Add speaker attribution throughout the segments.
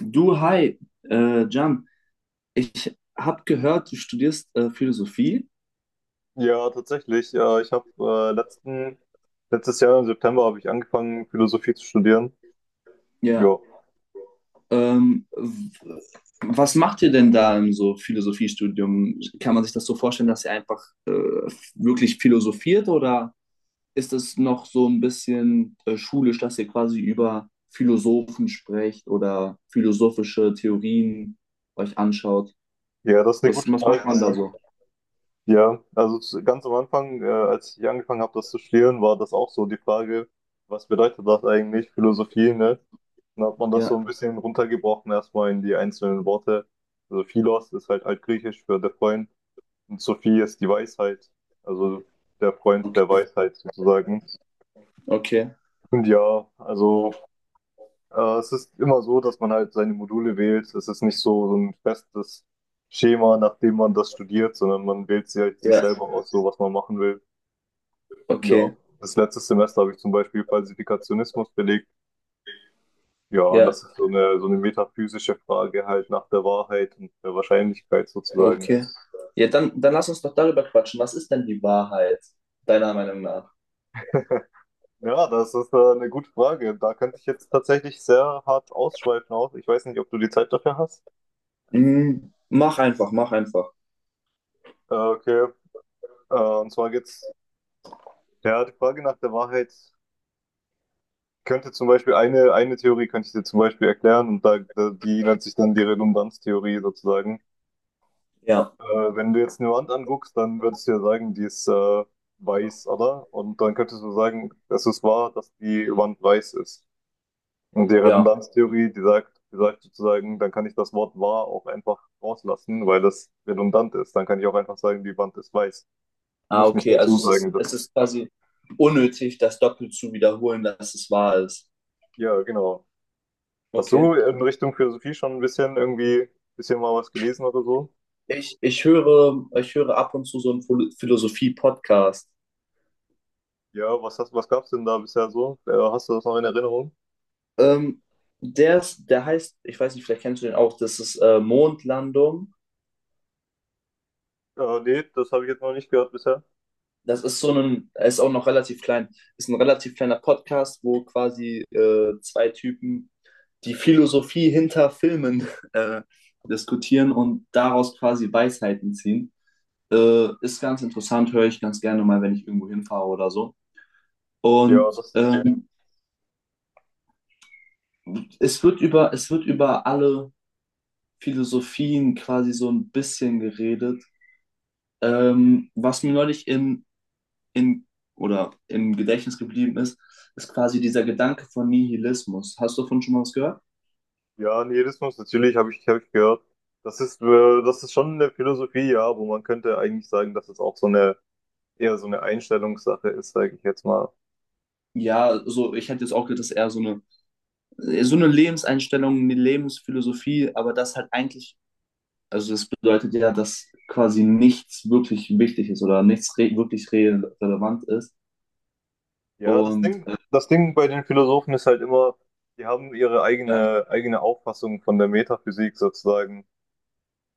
Speaker 1: Du, hi, Jan, ich habe gehört, du studierst Philosophie.
Speaker 2: Ja, tatsächlich. Ich habe letztes Jahr im September habe ich angefangen, Philosophie zu studieren.
Speaker 1: Ja.
Speaker 2: Ja,
Speaker 1: Ähm, w- Was macht ihr denn da im so Philosophiestudium? Kann man sich das so vorstellen, dass ihr einfach wirklich philosophiert oder ist es noch so ein bisschen schulisch, dass ihr quasi über Philosophen sprecht oder philosophische Theorien euch anschaut?
Speaker 2: ja, das ist eine
Speaker 1: Was,
Speaker 2: gute
Speaker 1: was macht
Speaker 2: Frage.
Speaker 1: man da
Speaker 2: Ne?
Speaker 1: so?
Speaker 2: Ja, also ganz am Anfang, als ich angefangen habe, das zu studieren, war das auch so die Frage, was bedeutet das eigentlich, Philosophie, ne? Dann hat man das so
Speaker 1: Ja,
Speaker 2: ein bisschen runtergebrochen, erstmal in die einzelnen Worte. Also Philos ist halt altgriechisch für der Freund und Sophie ist die Weisheit, also der Freund der
Speaker 1: okay,
Speaker 2: Weisheit sozusagen.
Speaker 1: okay,
Speaker 2: Und ja, also. Es ist immer so, dass man halt seine Module wählt. Es ist nicht so, so ein festes Schema, nach dem man das studiert, sondern man wählt sich, halt sich
Speaker 1: ja,
Speaker 2: selber aus, so was man machen will. Ja,
Speaker 1: okay,
Speaker 2: das letzte Semester habe ich zum Beispiel Falsifikationismus belegt. Ja, und
Speaker 1: ja.
Speaker 2: das ist so eine metaphysische Frage halt nach der Wahrheit und der Wahrscheinlichkeit sozusagen.
Speaker 1: Okay. Ja, dann lass uns doch darüber quatschen. Was ist denn die Wahrheit, deiner Meinung nach?
Speaker 2: Ja, das ist eine gute Frage. Da könnte ich jetzt tatsächlich sehr hart ausschweifen auch. Ich weiß nicht, ob du die Zeit dafür hast.
Speaker 1: Hm, mach einfach, mach einfach.
Speaker 2: Okay, und zwar ja, die Frage nach der Wahrheit. Könnte zum Beispiel eine Theorie könnte ich dir zum Beispiel erklären und die nennt sich dann die Redundanztheorie sozusagen.
Speaker 1: Ja,
Speaker 2: Äh, Wenn du jetzt eine Wand anguckst, dann würdest du ja sagen, die ist weiß, oder? Und dann könntest du sagen, es ist wahr, dass die Wand weiß ist. Und die
Speaker 1: ja.
Speaker 2: Redundanztheorie, die sagt sozusagen, dann kann ich das Wort wahr auch einfach rauslassen, weil das redundant ist. Dann kann ich auch einfach sagen, die Wand ist weiß. Ich
Speaker 1: Ah,
Speaker 2: muss nicht
Speaker 1: okay. Also
Speaker 2: dazu sagen. Dass,
Speaker 1: es ist quasi unnötig, das doppelt zu wiederholen, dass es wahr ist.
Speaker 2: ja, genau. Hast
Speaker 1: Okay.
Speaker 2: du in Richtung Philosophie schon ein bisschen irgendwie, bisschen mal was gelesen oder so?
Speaker 1: Ich höre, ich höre ab und zu so einen Philosophie-Podcast.
Speaker 2: Ja, was hast, was gab's denn da bisher so? Hast du das noch in Erinnerung?
Speaker 1: Ähm, der ist, der heißt, ich weiß nicht, vielleicht kennst du den auch, das ist Mondlandung.
Speaker 2: Nee, das habe ich jetzt noch nicht gehört bisher.
Speaker 1: Das ist so ein, er ist auch noch relativ klein, ist ein relativ kleiner Podcast, wo quasi zwei Typen die Philosophie hinter Filmen äh, diskutieren und daraus quasi Weisheiten ziehen. Ist ganz interessant, höre ich ganz gerne mal, wenn ich irgendwo hinfahre oder so.
Speaker 2: Ja,
Speaker 1: Und
Speaker 2: das,
Speaker 1: es wird über alle Philosophien quasi so ein bisschen geredet. Was mir neulich in oder im Gedächtnis geblieben ist, ist quasi dieser Gedanke von Nihilismus. Hast du davon schon mal was gehört?
Speaker 2: ja, Nihilismus, natürlich habe ich gehört. Das ist schon eine Philosophie, ja, wo man könnte eigentlich sagen, dass es auch so eine, eher so eine Einstellungssache ist, sage ich jetzt mal.
Speaker 1: Ja, so, ich hätte jetzt auch gedacht, das ist eher so eine Lebenseinstellung, eine Lebensphilosophie, aber das halt eigentlich, also das bedeutet ja, dass quasi nichts wirklich wichtig ist oder nichts re wirklich re relevant ist.
Speaker 2: Ja, das
Speaker 1: Und
Speaker 2: Ding, das Ding bei den Philosophen ist halt immer, die haben ihre
Speaker 1: ja,
Speaker 2: eigene, eigene Auffassung von der Metaphysik sozusagen.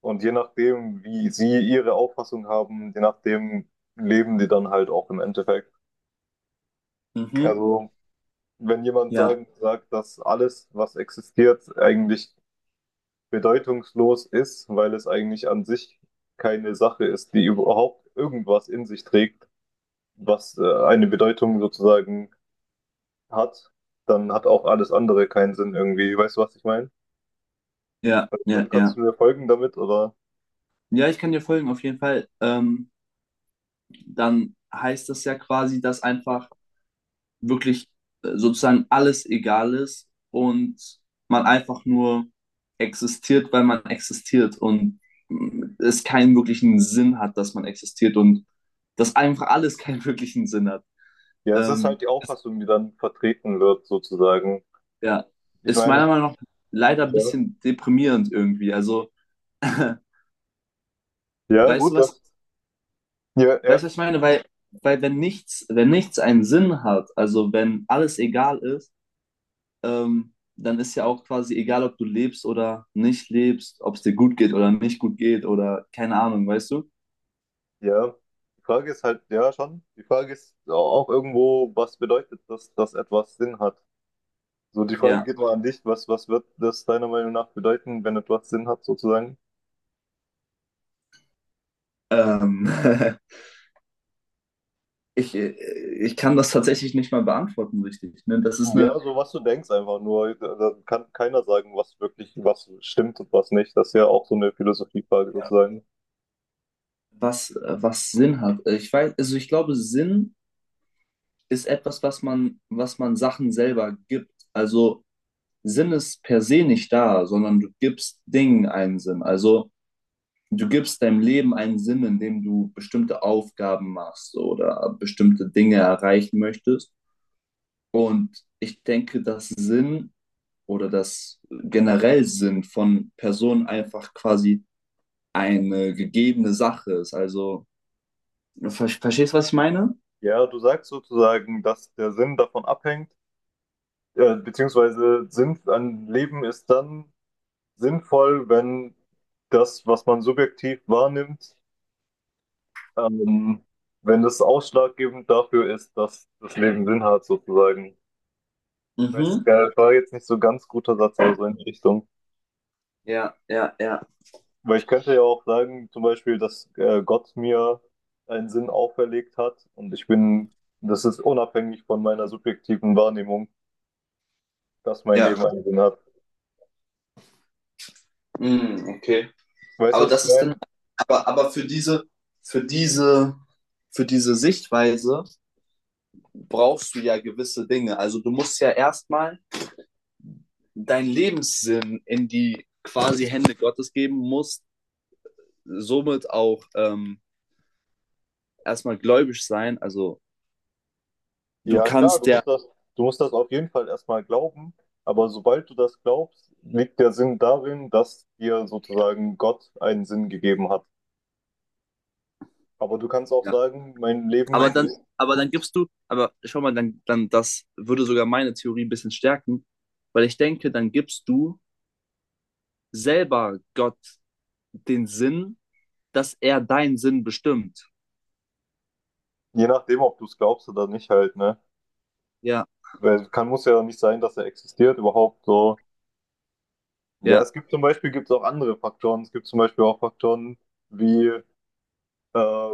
Speaker 2: Und je nachdem, wie sie ihre Auffassung haben, je nachdem leben die dann halt auch im Endeffekt.
Speaker 1: mhm.
Speaker 2: Also, wenn jemand
Speaker 1: Ja,
Speaker 2: sagt, dass alles, was existiert, eigentlich bedeutungslos ist, weil es eigentlich an sich keine Sache ist, die überhaupt irgendwas in sich trägt, was eine Bedeutung sozusagen hat, dann hat auch alles andere keinen Sinn irgendwie. Weißt du, was ich meine?
Speaker 1: ja, ja,
Speaker 2: Kannst
Speaker 1: ja.
Speaker 2: du mir folgen damit? Oder?
Speaker 1: Ja, ich kann dir folgen, auf jeden Fall. Dann heißt das ja quasi, dass einfach wirklich sozusagen alles egal ist und man einfach nur existiert, weil man existiert und mh, es keinen wirklichen Sinn hat, dass man existiert und dass einfach alles keinen wirklichen Sinn hat.
Speaker 2: Ja, es ist halt
Speaker 1: Ähm,
Speaker 2: die Auffassung, die dann vertreten wird, sozusagen.
Speaker 1: ja,
Speaker 2: Ich
Speaker 1: ist meiner
Speaker 2: meine,
Speaker 1: Meinung nach leider ein
Speaker 2: ja,
Speaker 1: bisschen deprimierend irgendwie. Also,
Speaker 2: ja,
Speaker 1: weißt du
Speaker 2: gut, das,
Speaker 1: was,
Speaker 2: ja,
Speaker 1: weißt
Speaker 2: ja.
Speaker 1: du, was ich meine? Weil, weil wenn nichts, wenn nichts einen Sinn hat, also wenn alles egal ist, dann ist ja auch quasi egal, ob du lebst oder nicht lebst, ob es dir gut geht oder nicht gut geht oder keine Ahnung, weißt du?
Speaker 2: Ja, die Frage ist halt, ja schon, die Frage ist auch irgendwo, was bedeutet das, dass etwas Sinn hat? So, die Frage
Speaker 1: Ja.
Speaker 2: geht mal an dich, was, was wird das deiner Meinung nach bedeuten, wenn etwas Sinn hat, sozusagen?
Speaker 1: Ähm, ich, äh, ich kann das tatsächlich nicht mal beantworten, richtig. Ne? Das ist
Speaker 2: Ja,
Speaker 1: eine,
Speaker 2: so was du denkst einfach nur, da kann keiner sagen, was wirklich, was stimmt und was nicht. Das ist ja auch so eine Philosophiefrage sozusagen.
Speaker 1: was Sinn hat. Ich weiß, also ich glaube, Sinn ist etwas, was man Sachen selber gibt. Also Sinn ist per se nicht da, sondern du gibst Dingen einen Sinn. Also du gibst deinem Leben einen Sinn, indem du bestimmte Aufgaben machst oder bestimmte Dinge erreichen möchtest. Und ich denke, dass Sinn oder das generell Sinn von Personen einfach quasi eine gegebene Sache ist. Also, verstehst du, was ich meine?
Speaker 2: Ja, du sagst sozusagen, dass der Sinn davon abhängt, beziehungsweise Sinn an Leben ist dann sinnvoll, wenn das, was man subjektiv wahrnimmt, Ähm, wenn das ausschlaggebend dafür ist, dass das Leben Sinn hat, sozusagen. Ich weiß
Speaker 1: Mhm.
Speaker 2: gar nicht, war jetzt nicht so ganz guter Satz, aber so in die Richtung.
Speaker 1: Ja, ja, ja.
Speaker 2: Weil ich könnte ja auch sagen, zum Beispiel, dass Gott mir einen Sinn auferlegt hat das ist unabhängig von meiner subjektiven Wahrnehmung, dass mein
Speaker 1: Ja,
Speaker 2: Leben einen Sinn hat.
Speaker 1: mhm, okay.
Speaker 2: Weißt du,
Speaker 1: Aber
Speaker 2: was ich
Speaker 1: das ist dann,
Speaker 2: meine?
Speaker 1: aber für diese, für diese, für diese Sichtweise brauchst du ja gewisse Dinge. Also du musst ja erstmal deinen Lebenssinn in die quasi Hände Gottes geben musst, somit auch erstmal gläubig sein. Also du
Speaker 2: Ja, klar,
Speaker 1: kannst ja,
Speaker 2: du musst das auf jeden Fall erstmal glauben, aber sobald du das glaubst, liegt der Sinn darin, dass dir sozusagen Gott einen Sinn gegeben hat. Aber du kannst auch
Speaker 1: ja.
Speaker 2: sagen, mein
Speaker 1: Aber
Speaker 2: Leben
Speaker 1: dann,
Speaker 2: ist,
Speaker 1: aber dann gibst du, aber schau mal, dann, dann das würde sogar meine Theorie ein bisschen stärken, weil ich denke, dann gibst du selber Gott den Sinn, dass er deinen Sinn bestimmt.
Speaker 2: je nachdem, ob du es glaubst oder nicht, halt, ne?
Speaker 1: Ja,
Speaker 2: Weil kann, muss ja nicht sein, dass er existiert überhaupt so. Ja,
Speaker 1: ja,
Speaker 2: es gibt zum Beispiel gibt's auch andere Faktoren. Es gibt zum Beispiel auch Faktoren wie, äh,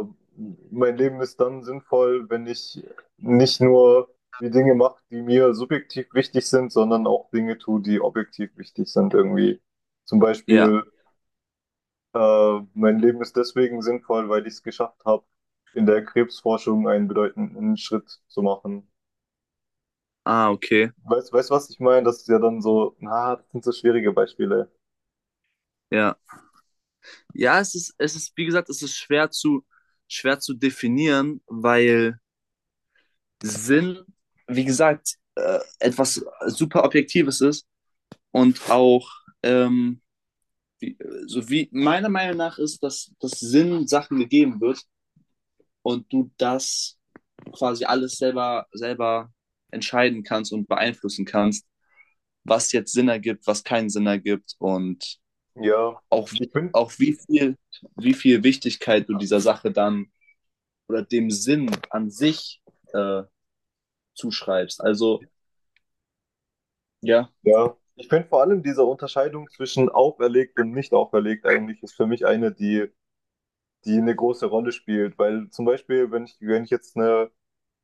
Speaker 2: mein Leben ist dann sinnvoll, wenn ich nicht nur die Dinge mache, die mir subjektiv wichtig sind, sondern auch Dinge tue, die objektiv wichtig sind irgendwie. Zum
Speaker 1: ja.
Speaker 2: Beispiel mein Leben ist deswegen sinnvoll, weil ich es geschafft habe, in der Krebsforschung einen bedeutenden Schritt zu machen.
Speaker 1: Ah, okay.
Speaker 2: Weißt, weißt, was ich meine? Das ist ja dann so, na, das sind so schwierige Beispiele.
Speaker 1: Ja. Ja, es ist, wie gesagt, es ist schwer zu definieren, weil Sinn, wie gesagt, etwas super Objektives ist und auch, ähm, wie, so wie meiner Meinung nach ist, dass Sinn Sachen gegeben wird und du das quasi alles selber, selber entscheiden kannst und beeinflussen kannst, was jetzt Sinn ergibt, was keinen Sinn ergibt und
Speaker 2: Ja,
Speaker 1: auch,
Speaker 2: ich bin,
Speaker 1: auch wie viel Wichtigkeit du dieser Sache dann oder dem Sinn an sich äh, zuschreibst. Also, ja.
Speaker 2: ja, ich finde vor allem diese Unterscheidung zwischen auferlegt und nicht auferlegt eigentlich ist für mich eine, die, die eine große Rolle spielt. Weil zum Beispiel, wenn ich jetzt eine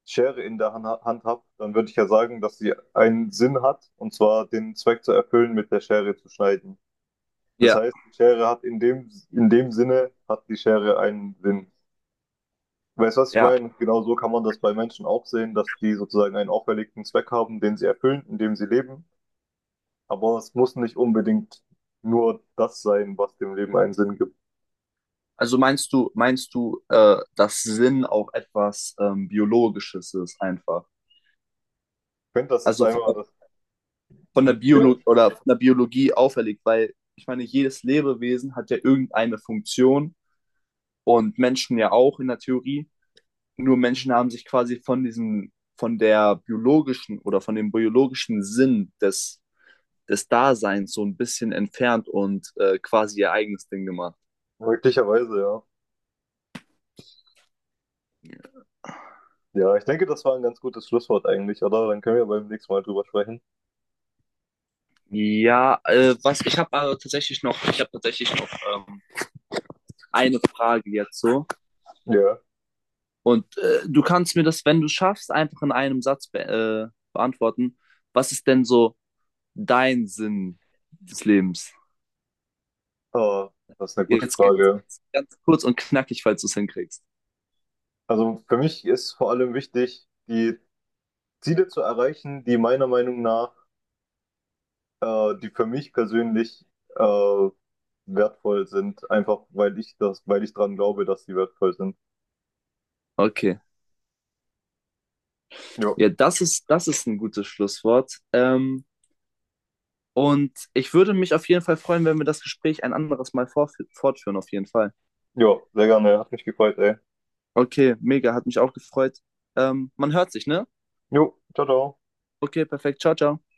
Speaker 2: Schere in der Hand habe, dann würde ich ja sagen, dass sie einen Sinn hat, und zwar den Zweck zu erfüllen, mit der Schere zu schneiden. Das
Speaker 1: Ja,
Speaker 2: heißt, die Schere hat in dem Sinne, hat die Schere einen Sinn. Weißt du, was ich
Speaker 1: ja,
Speaker 2: meine? Genau so kann man das bei Menschen auch sehen, dass die sozusagen einen auferlegten Zweck haben, den sie erfüllen, in dem sie leben. Aber es muss nicht unbedingt nur das sein, was dem Leben einen Sinn gibt.
Speaker 1: also meinst du, dass Sinn auch etwas Biologisches ist einfach?
Speaker 2: Ich finde, das ist
Speaker 1: Also
Speaker 2: einmal das.
Speaker 1: von der
Speaker 2: Ja,
Speaker 1: Biolo oder von der Biologie auferlegt, weil ich meine, jedes Lebewesen hat ja irgendeine Funktion und Menschen ja auch in der Theorie. Nur Menschen haben sich quasi von diesem, von der biologischen oder von dem biologischen Sinn des, des Daseins so ein bisschen entfernt und quasi ihr eigenes Ding gemacht.
Speaker 2: möglicherweise, ja. Ja, ich denke, das war ein ganz gutes Schlusswort eigentlich, oder? Dann können wir beim nächsten Mal drüber sprechen.
Speaker 1: Ja, was ich habe aber tatsächlich noch, ich habe tatsächlich noch eine Frage jetzt so.
Speaker 2: Ja,
Speaker 1: Und du kannst mir das, wenn du schaffst, einfach in einem Satz be beantworten. Was ist denn so dein Sinn des Lebens?
Speaker 2: ah, das ist eine gute
Speaker 1: Jetzt geht's
Speaker 2: Frage.
Speaker 1: ganz kurz und knackig, falls du es hinkriegst.
Speaker 2: Also für mich ist vor allem wichtig, die Ziele zu erreichen, die meiner Meinung nach, die für mich persönlich äh, wertvoll sind, einfach weil ich dran glaube, dass sie wertvoll sind.
Speaker 1: Okay.
Speaker 2: Jo,
Speaker 1: Ja, das ist ein gutes Schlusswort. Und ich würde mich auf jeden Fall freuen, wenn wir das Gespräch ein anderes Mal fortführen, auf jeden Fall.
Speaker 2: jo, sehr gerne, hat mich gefreut, ey.
Speaker 1: Okay, mega, hat mich auch gefreut. Man hört sich, ne?
Speaker 2: Jo, ciao, ciao.
Speaker 1: Okay, perfekt. Ciao, ciao.